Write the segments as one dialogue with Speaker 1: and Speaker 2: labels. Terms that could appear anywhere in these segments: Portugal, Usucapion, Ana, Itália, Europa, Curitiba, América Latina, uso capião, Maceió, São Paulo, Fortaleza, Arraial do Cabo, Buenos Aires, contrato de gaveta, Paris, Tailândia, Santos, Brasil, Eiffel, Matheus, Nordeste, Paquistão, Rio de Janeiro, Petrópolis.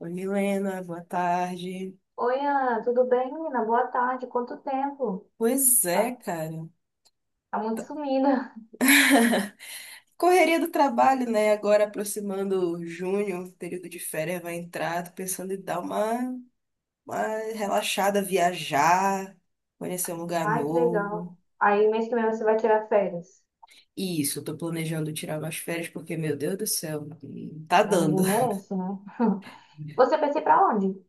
Speaker 1: Oi, Milena, boa tarde.
Speaker 2: Oi, Ana, tudo bem, menina? Boa tarde. Quanto tempo?
Speaker 1: Pois é,
Speaker 2: Tá,
Speaker 1: cara.
Speaker 2: tá muito sumida.
Speaker 1: Correria do trabalho, né? Agora aproximando junho, período de férias vai entrar. Tô pensando em dar uma relaxada, viajar, conhecer um lugar
Speaker 2: Ai, que
Speaker 1: novo.
Speaker 2: legal. Aí, mês que vem você vai tirar férias.
Speaker 1: E isso, eu tô planejando tirar umas férias porque, meu Deus do céu, tá
Speaker 2: Né? Ninguém
Speaker 1: dando.
Speaker 2: merece, né? Você pensa em ir pra onde?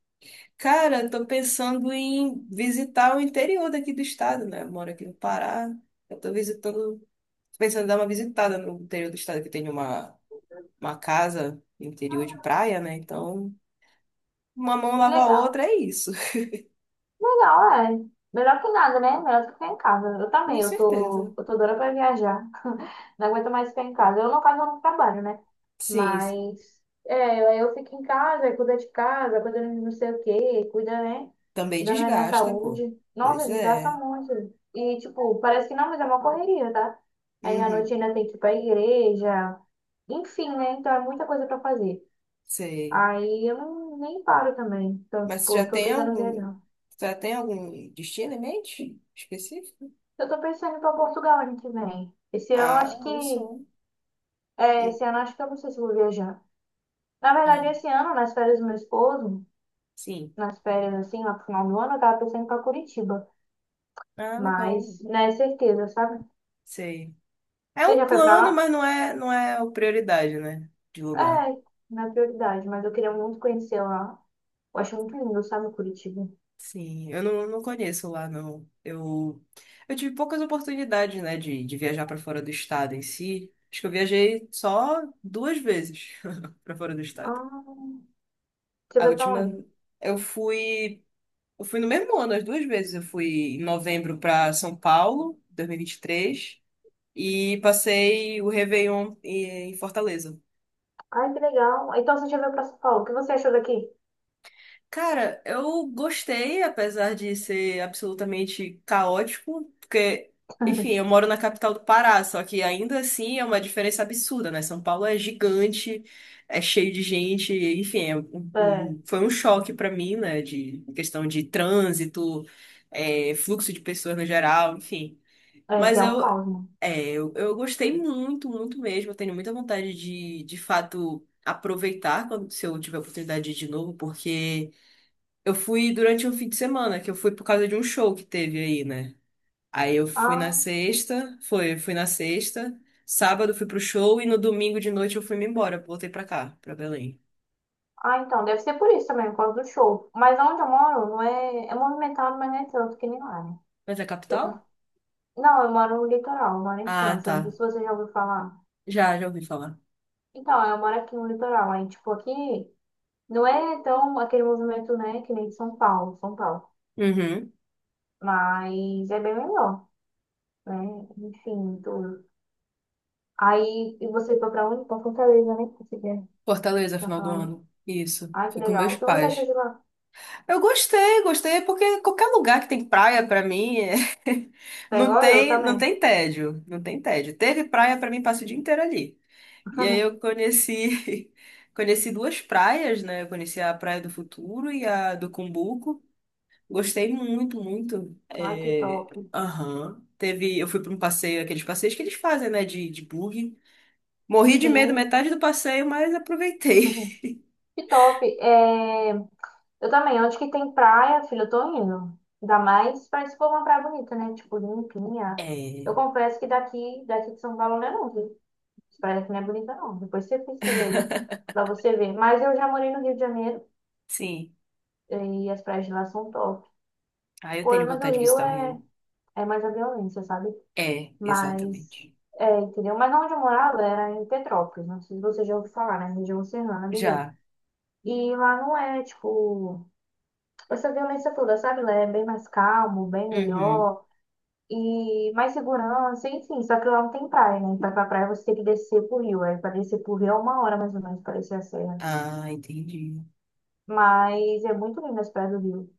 Speaker 1: Cara, eu tô pensando em visitar o interior daqui do estado, né? Eu moro aqui no Pará. Eu tô visitando, tô pensando em dar uma visitada no interior do estado, que tem uma casa no interior de praia, né? Então, uma mão lava a
Speaker 2: Legal.
Speaker 1: outra, é isso.
Speaker 2: Legal, é. Melhor que nada, né? Melhor do que ficar em casa. Eu
Speaker 1: Com
Speaker 2: também, eu tô,
Speaker 1: certeza.
Speaker 2: eu tô doida pra viajar. Não aguento mais ficar em casa. Eu, no caso, eu não trabalho, né?
Speaker 1: Sim, sim.
Speaker 2: Mas é, aí eu fico em casa, aí cuido de casa, cuido de não sei o quê, cuida, né?
Speaker 1: Também
Speaker 2: Cuidando da minha
Speaker 1: desgasta, pô.
Speaker 2: saúde. Nossa,
Speaker 1: Pois
Speaker 2: desgraça
Speaker 1: é.
Speaker 2: muito. E, tipo, parece que não, mas é uma correria, tá? Aí à noite
Speaker 1: Uhum.
Speaker 2: ainda tem que ir pra igreja. Enfim, né? Então é muita coisa pra fazer.
Speaker 1: Sei.
Speaker 2: Aí eu não, nem paro também. Então,
Speaker 1: Mas você
Speaker 2: tipo, eu
Speaker 1: já
Speaker 2: tô
Speaker 1: tem
Speaker 2: tentando
Speaker 1: algum,
Speaker 2: viajar.
Speaker 1: você já tem algum destino em mente específico?
Speaker 2: Eu tô pensando em ir pra Portugal ano que vem. Esse ano eu
Speaker 1: Ah,
Speaker 2: acho que.
Speaker 1: eu sou.
Speaker 2: É,
Speaker 1: Hum.
Speaker 2: esse ano eu acho que eu não sei se eu vou viajar. Na
Speaker 1: Ah,
Speaker 2: verdade, esse ano, nas férias do meu esposo,
Speaker 1: sim.
Speaker 2: nas férias assim, lá pro final do ano, eu tava pensando em ir pra Curitiba.
Speaker 1: Ah,
Speaker 2: Mas
Speaker 1: legal.
Speaker 2: não é certeza, sabe?
Speaker 1: Sei. É
Speaker 2: Você
Speaker 1: um
Speaker 2: já foi pra
Speaker 1: plano,
Speaker 2: lá?
Speaker 1: mas não é a prioridade, né? De
Speaker 2: É,
Speaker 1: lugar.
Speaker 2: não é prioridade, mas eu queria muito conhecer lá. Eu acho muito lindo, sabe, Curitiba.
Speaker 1: Sim, eu não conheço lá, não. Eu tive poucas oportunidades, né, de viajar para fora do estado em si. Acho que eu viajei só duas vezes para fora do estado.
Speaker 2: Ah, você
Speaker 1: A
Speaker 2: foi pra onde?
Speaker 1: última, eu fui, eu fui no mesmo ano, as duas vezes. Eu fui em novembro para São Paulo, 2023, e 23, e passei o Réveillon em Fortaleza.
Speaker 2: Ai, que legal. Então você já veio pra São Paulo. O que você achou daqui?
Speaker 1: Cara, eu gostei, apesar de ser absolutamente caótico, porque, enfim, eu moro na capital do Pará, só que ainda assim é uma diferença absurda, né? São Paulo é gigante, é cheio de gente, enfim,
Speaker 2: É,
Speaker 1: foi um choque pra mim, né? De questão de trânsito, é, fluxo de pessoas no geral, enfim.
Speaker 2: é, que
Speaker 1: Mas
Speaker 2: é um
Speaker 1: eu,
Speaker 2: caos, né?
Speaker 1: é, eu, eu gostei muito, muito mesmo. Eu tenho muita vontade de fato, aproveitar quando, se eu tiver a oportunidade de ir de novo, porque. Eu fui durante um fim de semana, que eu fui por causa de um show que teve aí, né? Aí eu fui na
Speaker 2: Ah,
Speaker 1: sexta, foi, fui na sexta, sábado fui pro show e no domingo de noite eu fui me embora, voltei pra cá, pra Belém.
Speaker 2: ah, então, deve ser por isso também, por causa do show. Mas onde eu moro, não é, é movimentado, mas não é tanto que nem lá, né?
Speaker 1: Mas é
Speaker 2: Eu
Speaker 1: capital?
Speaker 2: Não, eu moro no litoral, eu moro em
Speaker 1: Ah,
Speaker 2: Santos. Eu não sei se
Speaker 1: tá.
Speaker 2: você já ouviu falar.
Speaker 1: Já, já ouvi falar.
Speaker 2: Então, eu moro aqui no litoral. Aí, tipo, aqui não é tão aquele movimento, né, que nem de São Paulo, São Paulo.
Speaker 1: Uhum.
Speaker 2: Mas é bem melhor, né? Enfim, tudo. Aí, e você foi pra onde? Pra Fortaleza, né? Você já
Speaker 1: Fortaleza,
Speaker 2: tinha
Speaker 1: final do
Speaker 2: falado.
Speaker 1: ano. Isso.
Speaker 2: Ai, que
Speaker 1: Fui com
Speaker 2: legal.
Speaker 1: meus
Speaker 2: O que você achou
Speaker 1: pais.
Speaker 2: de lá?
Speaker 1: Eu gostei, gostei, porque qualquer lugar que tem praia pra mim é...
Speaker 2: Foi
Speaker 1: não
Speaker 2: igual eu
Speaker 1: tem, não
Speaker 2: também.
Speaker 1: tem tédio, não tem tédio. Teve praia pra mim, passo o dia inteiro ali. E aí eu conheci, conheci duas praias, né? Eu conheci a Praia do Futuro e a do Cumbuco. Gostei muito, muito.
Speaker 2: Ai, que
Speaker 1: É,
Speaker 2: top.
Speaker 1: aham. Teve, eu fui para um passeio, aqueles passeios que eles fazem, né? De buggy. Morri de medo
Speaker 2: Sim.
Speaker 1: metade do passeio, mas aproveitei.
Speaker 2: Que top. É... Eu também, onde que tem praia, filho, eu tô indo. Ainda mais pra se for uma praia bonita, né? Tipo, limpinha.
Speaker 1: É,
Speaker 2: Eu confesso que daqui de São Paulo não é não, viu? As praias aqui não é bonita não. Depois você pesquisa aí, pra você ver. Mas eu já morei no Rio de Janeiro
Speaker 1: sim.
Speaker 2: e as praias de lá são top. O
Speaker 1: Ah, eu tenho
Speaker 2: problema
Speaker 1: vontade
Speaker 2: do
Speaker 1: de
Speaker 2: Rio
Speaker 1: visitar o
Speaker 2: é,
Speaker 1: Rio.
Speaker 2: é mais a violência, sabe?
Speaker 1: É,
Speaker 2: Mas,
Speaker 1: exatamente.
Speaker 2: é, entendeu? Mas onde eu morava era em Petrópolis, não sei se você já ouviu falar, né? Região Serrana do Rio.
Speaker 1: Já.
Speaker 2: E lá não é, tipo... essa violência toda, sabe? Lá é bem mais calmo, bem
Speaker 1: Uhum.
Speaker 2: melhor e mais segurança, enfim. Só que lá não tem praia, né? Pra ir pra praia você tem que descer pro rio. Aí pra descer pro rio é uma hora mais ou menos pra descer a serra.
Speaker 1: Ah, entendi.
Speaker 2: Mas é muito lindo as praias do rio,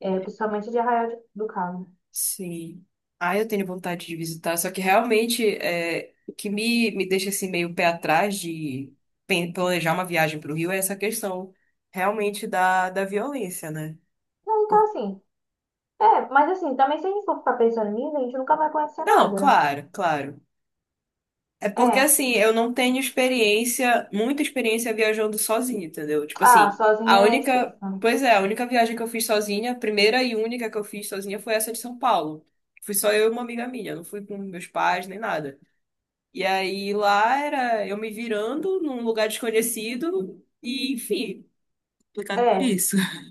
Speaker 2: é, principalmente de Arraial de- do Cabo.
Speaker 1: Sim. Ah, eu tenho vontade de visitar, só que realmente é, o que me deixa assim meio pé atrás de planejar uma viagem para o Rio é essa questão realmente da violência, né?
Speaker 2: Não, então
Speaker 1: Por-
Speaker 2: assim, é, mas assim, também se a gente for ficar pensando nisso, a gente nunca vai conhecer
Speaker 1: Não,
Speaker 2: nada, né?
Speaker 1: claro, claro. É porque
Speaker 2: É,
Speaker 1: assim, eu não tenho experiência, muita experiência viajando sozinha, entendeu? Tipo
Speaker 2: ah,
Speaker 1: assim, a
Speaker 2: sozinha é
Speaker 1: única,
Speaker 2: difícil, né?
Speaker 1: pois é, a única viagem que eu fiz sozinha, a primeira e única que eu fiz sozinha foi essa de São Paulo. Fui só eu e uma amiga minha, não fui com meus pais nem nada. E aí lá era eu me virando num lugar desconhecido e, enfim, complicado por
Speaker 2: É,
Speaker 1: isso.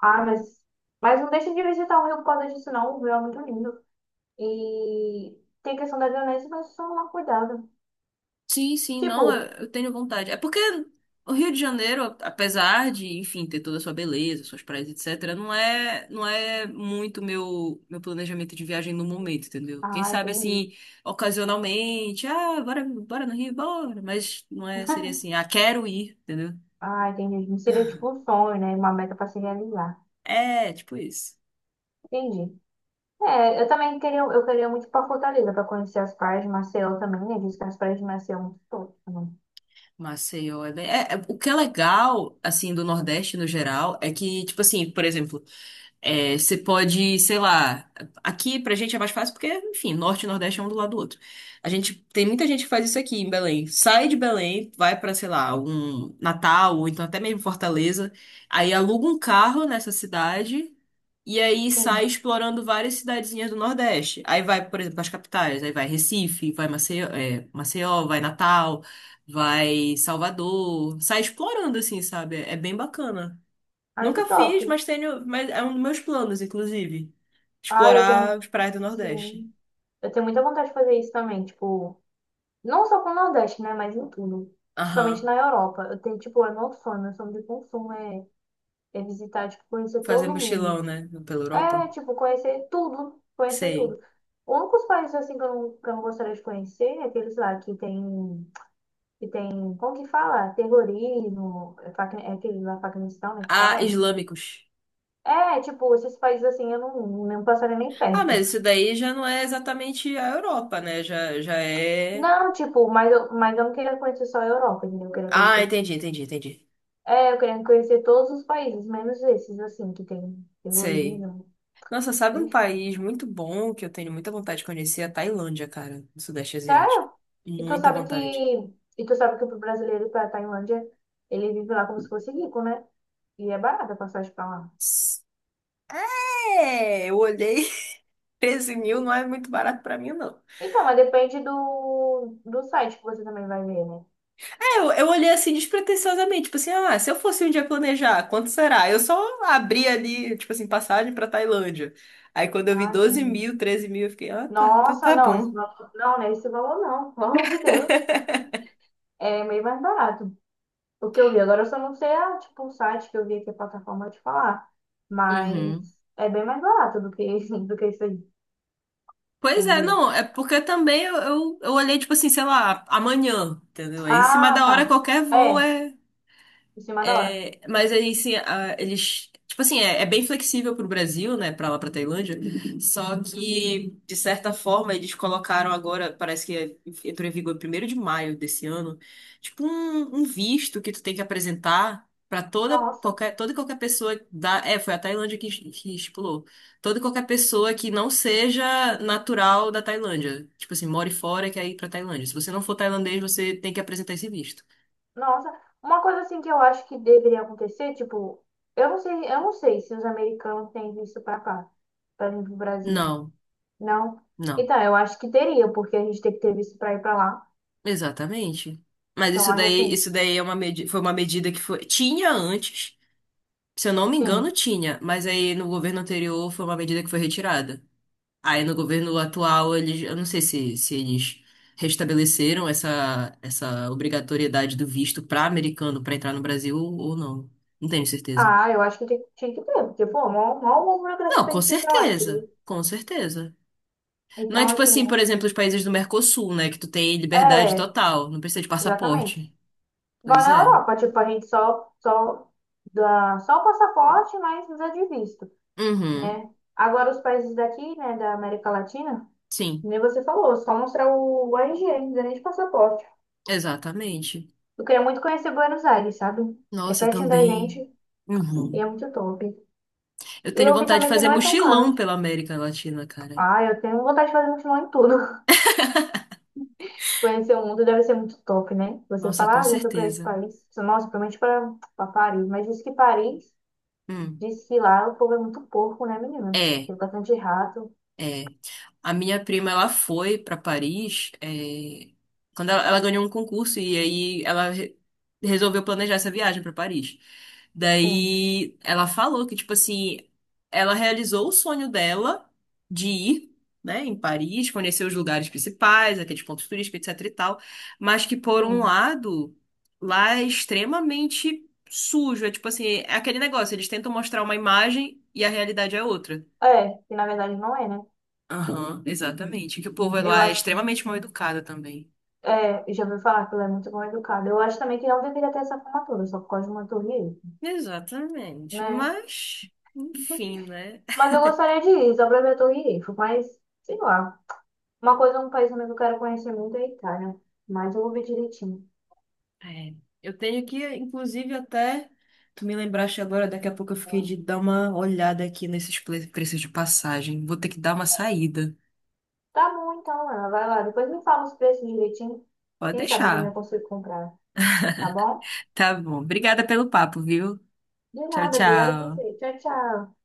Speaker 2: ah, mas não deixa de visitar o rio por causa disso, não. O rio é muito lindo. E tem a questão da violência, mas só tomar cuidado.
Speaker 1: Sim, sim, não, eu,
Speaker 2: Tipo,
Speaker 1: eu tenho vontade. É porque o Rio de Janeiro, apesar de, enfim, ter toda a sua beleza, suas praias, etc., não é, não é muito meu planejamento de viagem no momento, entendeu? Quem
Speaker 2: ah,
Speaker 1: sabe
Speaker 2: entendi.
Speaker 1: assim, ocasionalmente, ah, bora, bora no Rio, bora, mas não é, seria assim, ah, quero ir, entendeu?
Speaker 2: Ah, entendi. Não seria tipo um sonho, né? Uma meta pra se realizar.
Speaker 1: É, tipo isso.
Speaker 2: Entendi. É, eu também queria, eu queria muito ir pra Fortaleza pra conhecer as praias de Maceió também, né? Diz que as praias de Maceió são muito top, né?
Speaker 1: Maceió é, o que é legal assim do Nordeste no geral é que tipo assim por exemplo é, você pode sei lá aqui pra gente é mais fácil porque enfim Norte e Nordeste é um do lado do outro a gente tem muita gente que faz isso aqui em Belém sai de Belém vai pra, sei lá um Natal ou então até mesmo Fortaleza aí aluga um carro nessa cidade e aí sai
Speaker 2: Sim.
Speaker 1: explorando várias cidadezinhas do Nordeste. Aí vai, por exemplo, as capitais. Aí vai Recife, vai Maceió, é, Maceió, vai Natal, vai Salvador. Sai explorando, assim, sabe? É bem bacana.
Speaker 2: Ai, que
Speaker 1: Nunca
Speaker 2: top.
Speaker 1: fiz, mas tenho, mas é um dos meus planos, inclusive.
Speaker 2: Ah, eu tenho,
Speaker 1: Explorar as praias do Nordeste.
Speaker 2: sim. Eu tenho muita vontade de fazer isso também, tipo, não só com o Nordeste, né? Mas em tudo. Principalmente
Speaker 1: Aham.
Speaker 2: na Europa. Eu tenho, tipo, é meu sonho de consumo é, é visitar, tipo, conhecer
Speaker 1: Fazer
Speaker 2: todo
Speaker 1: mochilão,
Speaker 2: mundo.
Speaker 1: né? Pela Europa.
Speaker 2: É, tipo, conhecer tudo, conhecer
Speaker 1: Sei.
Speaker 2: tudo. O único dos países assim que eu não gostaria de conhecer é aqueles lá que tem, como que fala? Terrorismo, é, Paqui- é aquele lá Paquistão, né, que
Speaker 1: Ah,
Speaker 2: fala?
Speaker 1: islâmicos.
Speaker 2: É, tipo, esses países assim eu não, não passaria nem
Speaker 1: Ah,
Speaker 2: perto.
Speaker 1: mas isso daí já não é exatamente a Europa, né? Já, já é.
Speaker 2: Não, tipo, mas eu não queria conhecer só a Europa, entendeu? Eu queria
Speaker 1: Ah,
Speaker 2: conhecer,
Speaker 1: entendi, entendi, entendi.
Speaker 2: é, eu queria conhecer todos os países, menos esses assim que tem
Speaker 1: Sei.
Speaker 2: terrorismo,
Speaker 1: Nossa, sabe um país muito bom que eu tenho muita vontade de conhecer? É a Tailândia, cara, do Sudeste Asiático.
Speaker 2: Sério? E tu
Speaker 1: Muita
Speaker 2: sabe que,
Speaker 1: vontade.
Speaker 2: e tu sabe que pro brasileiro para Tailândia, ele vive lá como se fosse rico, né? E é barata a passagem pra lá.
Speaker 1: É, eu olhei, 13 mil não é muito barato pra mim, não.
Speaker 2: Então, mas depende do, do site que você também vai ver, né?
Speaker 1: É, eu olhei assim despretensiosamente, tipo assim, ah, se eu fosse um dia planejar, quanto será? Eu só abri ali, tipo assim, passagem pra Tailândia. Aí quando eu vi
Speaker 2: Ah,
Speaker 1: 12
Speaker 2: entendi.
Speaker 1: mil, 13 mil, eu fiquei, ah,
Speaker 2: Nossa,
Speaker 1: tá
Speaker 2: não, esse
Speaker 1: bom.
Speaker 2: valor não, né? Esse valor não, pelo amor de Deus. É meio mais barato. O que eu vi. Agora eu só não sei a, tipo, o site que eu vi aqui, a plataforma de falar. Mas
Speaker 1: Uhum.
Speaker 2: é bem mais barato do que, do que isso aí.
Speaker 1: Pois é,
Speaker 2: Entendeu?
Speaker 1: não, é porque também eu olhei, tipo assim, sei lá, amanhã, entendeu? Aí em cima
Speaker 2: Ah,
Speaker 1: da hora
Speaker 2: tá.
Speaker 1: qualquer voo.
Speaker 2: É, em cima da hora.
Speaker 1: É, mas aí, assim, eles. Tipo assim, é bem flexível pro Brasil, né? Pra lá, pra Tailândia. Só que, de certa forma, eles colocaram agora, parece que é- entrou em vigor 1º de maio desse ano, tipo um, um visto que tu tem que apresentar pra toda,
Speaker 2: Nossa.
Speaker 1: qualquer, toda e qualquer pessoa da. É, foi a Tailândia que estipulou. Toda e qualquer pessoa que não seja natural da Tailândia. Tipo assim, more fora e quer ir pra Tailândia. Se você não for tailandês, você tem que apresentar esse visto.
Speaker 2: Nossa, uma coisa assim que eu acho que deveria acontecer, tipo, eu não sei se os americanos têm visto pra cá, pra vir pro Brasil.
Speaker 1: Não.
Speaker 2: Não?
Speaker 1: Não.
Speaker 2: Então, eu acho que teria, porque a gente tem que ter visto pra ir pra lá.
Speaker 1: Exatamente. Mas
Speaker 2: Então, eu acho assim,
Speaker 1: isso daí é uma medi foi uma medida que foi, tinha antes, se eu não me engano,
Speaker 2: sim.
Speaker 1: tinha, mas aí no governo anterior foi uma medida que foi retirada. Aí no governo atual, eles, eu não sei se eles restabeleceram essa obrigatoriedade do visto para americano para entrar no Brasil ou não. Não tenho certeza.
Speaker 2: Ah, eu acho que tem- tinha que ter, porque, pô, mó, mó uma burocracia
Speaker 1: Não,
Speaker 2: pra
Speaker 1: com
Speaker 2: gente ir pra lá,
Speaker 1: certeza.
Speaker 2: entendeu?
Speaker 1: Com certeza. Não é
Speaker 2: Então,
Speaker 1: tipo
Speaker 2: assim,
Speaker 1: assim, por exemplo, os países do Mercosul, né? Que tu tem liberdade
Speaker 2: é,
Speaker 1: total, não precisa de
Speaker 2: exatamente.
Speaker 1: passaporte.
Speaker 2: Igual
Speaker 1: Pois
Speaker 2: na
Speaker 1: é.
Speaker 2: Europa, tipo, a gente só, só dá só o passaporte, mas precisa de visto,
Speaker 1: Uhum.
Speaker 2: né? Agora, os países daqui, né, da América Latina,
Speaker 1: Sim.
Speaker 2: Nem você falou, só mostrar o RG, não precisa nem de passaporte.
Speaker 1: Exatamente.
Speaker 2: Eu queria muito conhecer Buenos Aires, sabe? É
Speaker 1: Nossa, eu
Speaker 2: pertinho da gente
Speaker 1: também.
Speaker 2: e
Speaker 1: Uhum.
Speaker 2: é muito top.
Speaker 1: Eu
Speaker 2: E
Speaker 1: tenho
Speaker 2: eu vi
Speaker 1: vontade de
Speaker 2: também que
Speaker 1: fazer
Speaker 2: não é tão caro.
Speaker 1: mochilão pela América Latina, cara.
Speaker 2: Ah, eu tenho vontade de fazer mochilão em tudo. Conhecer o mundo deve ser muito top, né? Você
Speaker 1: Nossa, com
Speaker 2: fala, ah, já fui pra esse
Speaker 1: certeza.
Speaker 2: país. Nossa, provavelmente pra, pra Paris. Mas diz que Paris,
Speaker 1: Hum.
Speaker 2: diz que lá o povo é muito porco, né, menina?
Speaker 1: É.
Speaker 2: Tem bastante rato.
Speaker 1: É, a minha prima ela foi para Paris quando ela ganhou um concurso e aí ela resolveu planejar essa viagem para Paris.
Speaker 2: Tem,
Speaker 1: Daí ela falou que tipo assim ela realizou o sonho dela de ir, né, em Paris, conhecer os lugares principais, aqueles pontos turísticos, etc e tal, mas que por um
Speaker 2: tem.
Speaker 1: lado lá é extremamente sujo, é tipo assim é aquele negócio eles tentam mostrar uma imagem e a realidade é outra.
Speaker 2: É, que na verdade não é, né?
Speaker 1: Aham, exatamente. Que o povo
Speaker 2: Eu
Speaker 1: lá é
Speaker 2: acho.
Speaker 1: extremamente mal educado também.
Speaker 2: É, já ouvi falar que ela é muito mal educada. Eu acho também que não deveria ter essa formatura, só por causa de uma torre Eiffel,
Speaker 1: Exatamente.
Speaker 2: né?
Speaker 1: Mas, enfim, né?
Speaker 2: Mas eu gostaria de ir, só pra ver a torre Eiffel, mas, sei lá. Uma coisa, um país também que eu quero conhecer muito é a Itália, mas eu vou ver direitinho.
Speaker 1: É, eu tenho que, inclusive, até. Tu me lembraste agora, daqui a pouco eu fiquei de dar uma olhada aqui nesses preços de passagem. Vou ter que dar uma saída.
Speaker 2: Tá bom, então, Ana, vai lá. Depois me fala os preços direitinho.
Speaker 1: Pode
Speaker 2: Quem sabe eu também
Speaker 1: deixar.
Speaker 2: consigo comprar, tá bom?
Speaker 1: Tá bom. Obrigada pelo papo, viu?
Speaker 2: De
Speaker 1: Tchau,
Speaker 2: nada, obrigada a
Speaker 1: tchau.
Speaker 2: você. Tchau, tchau.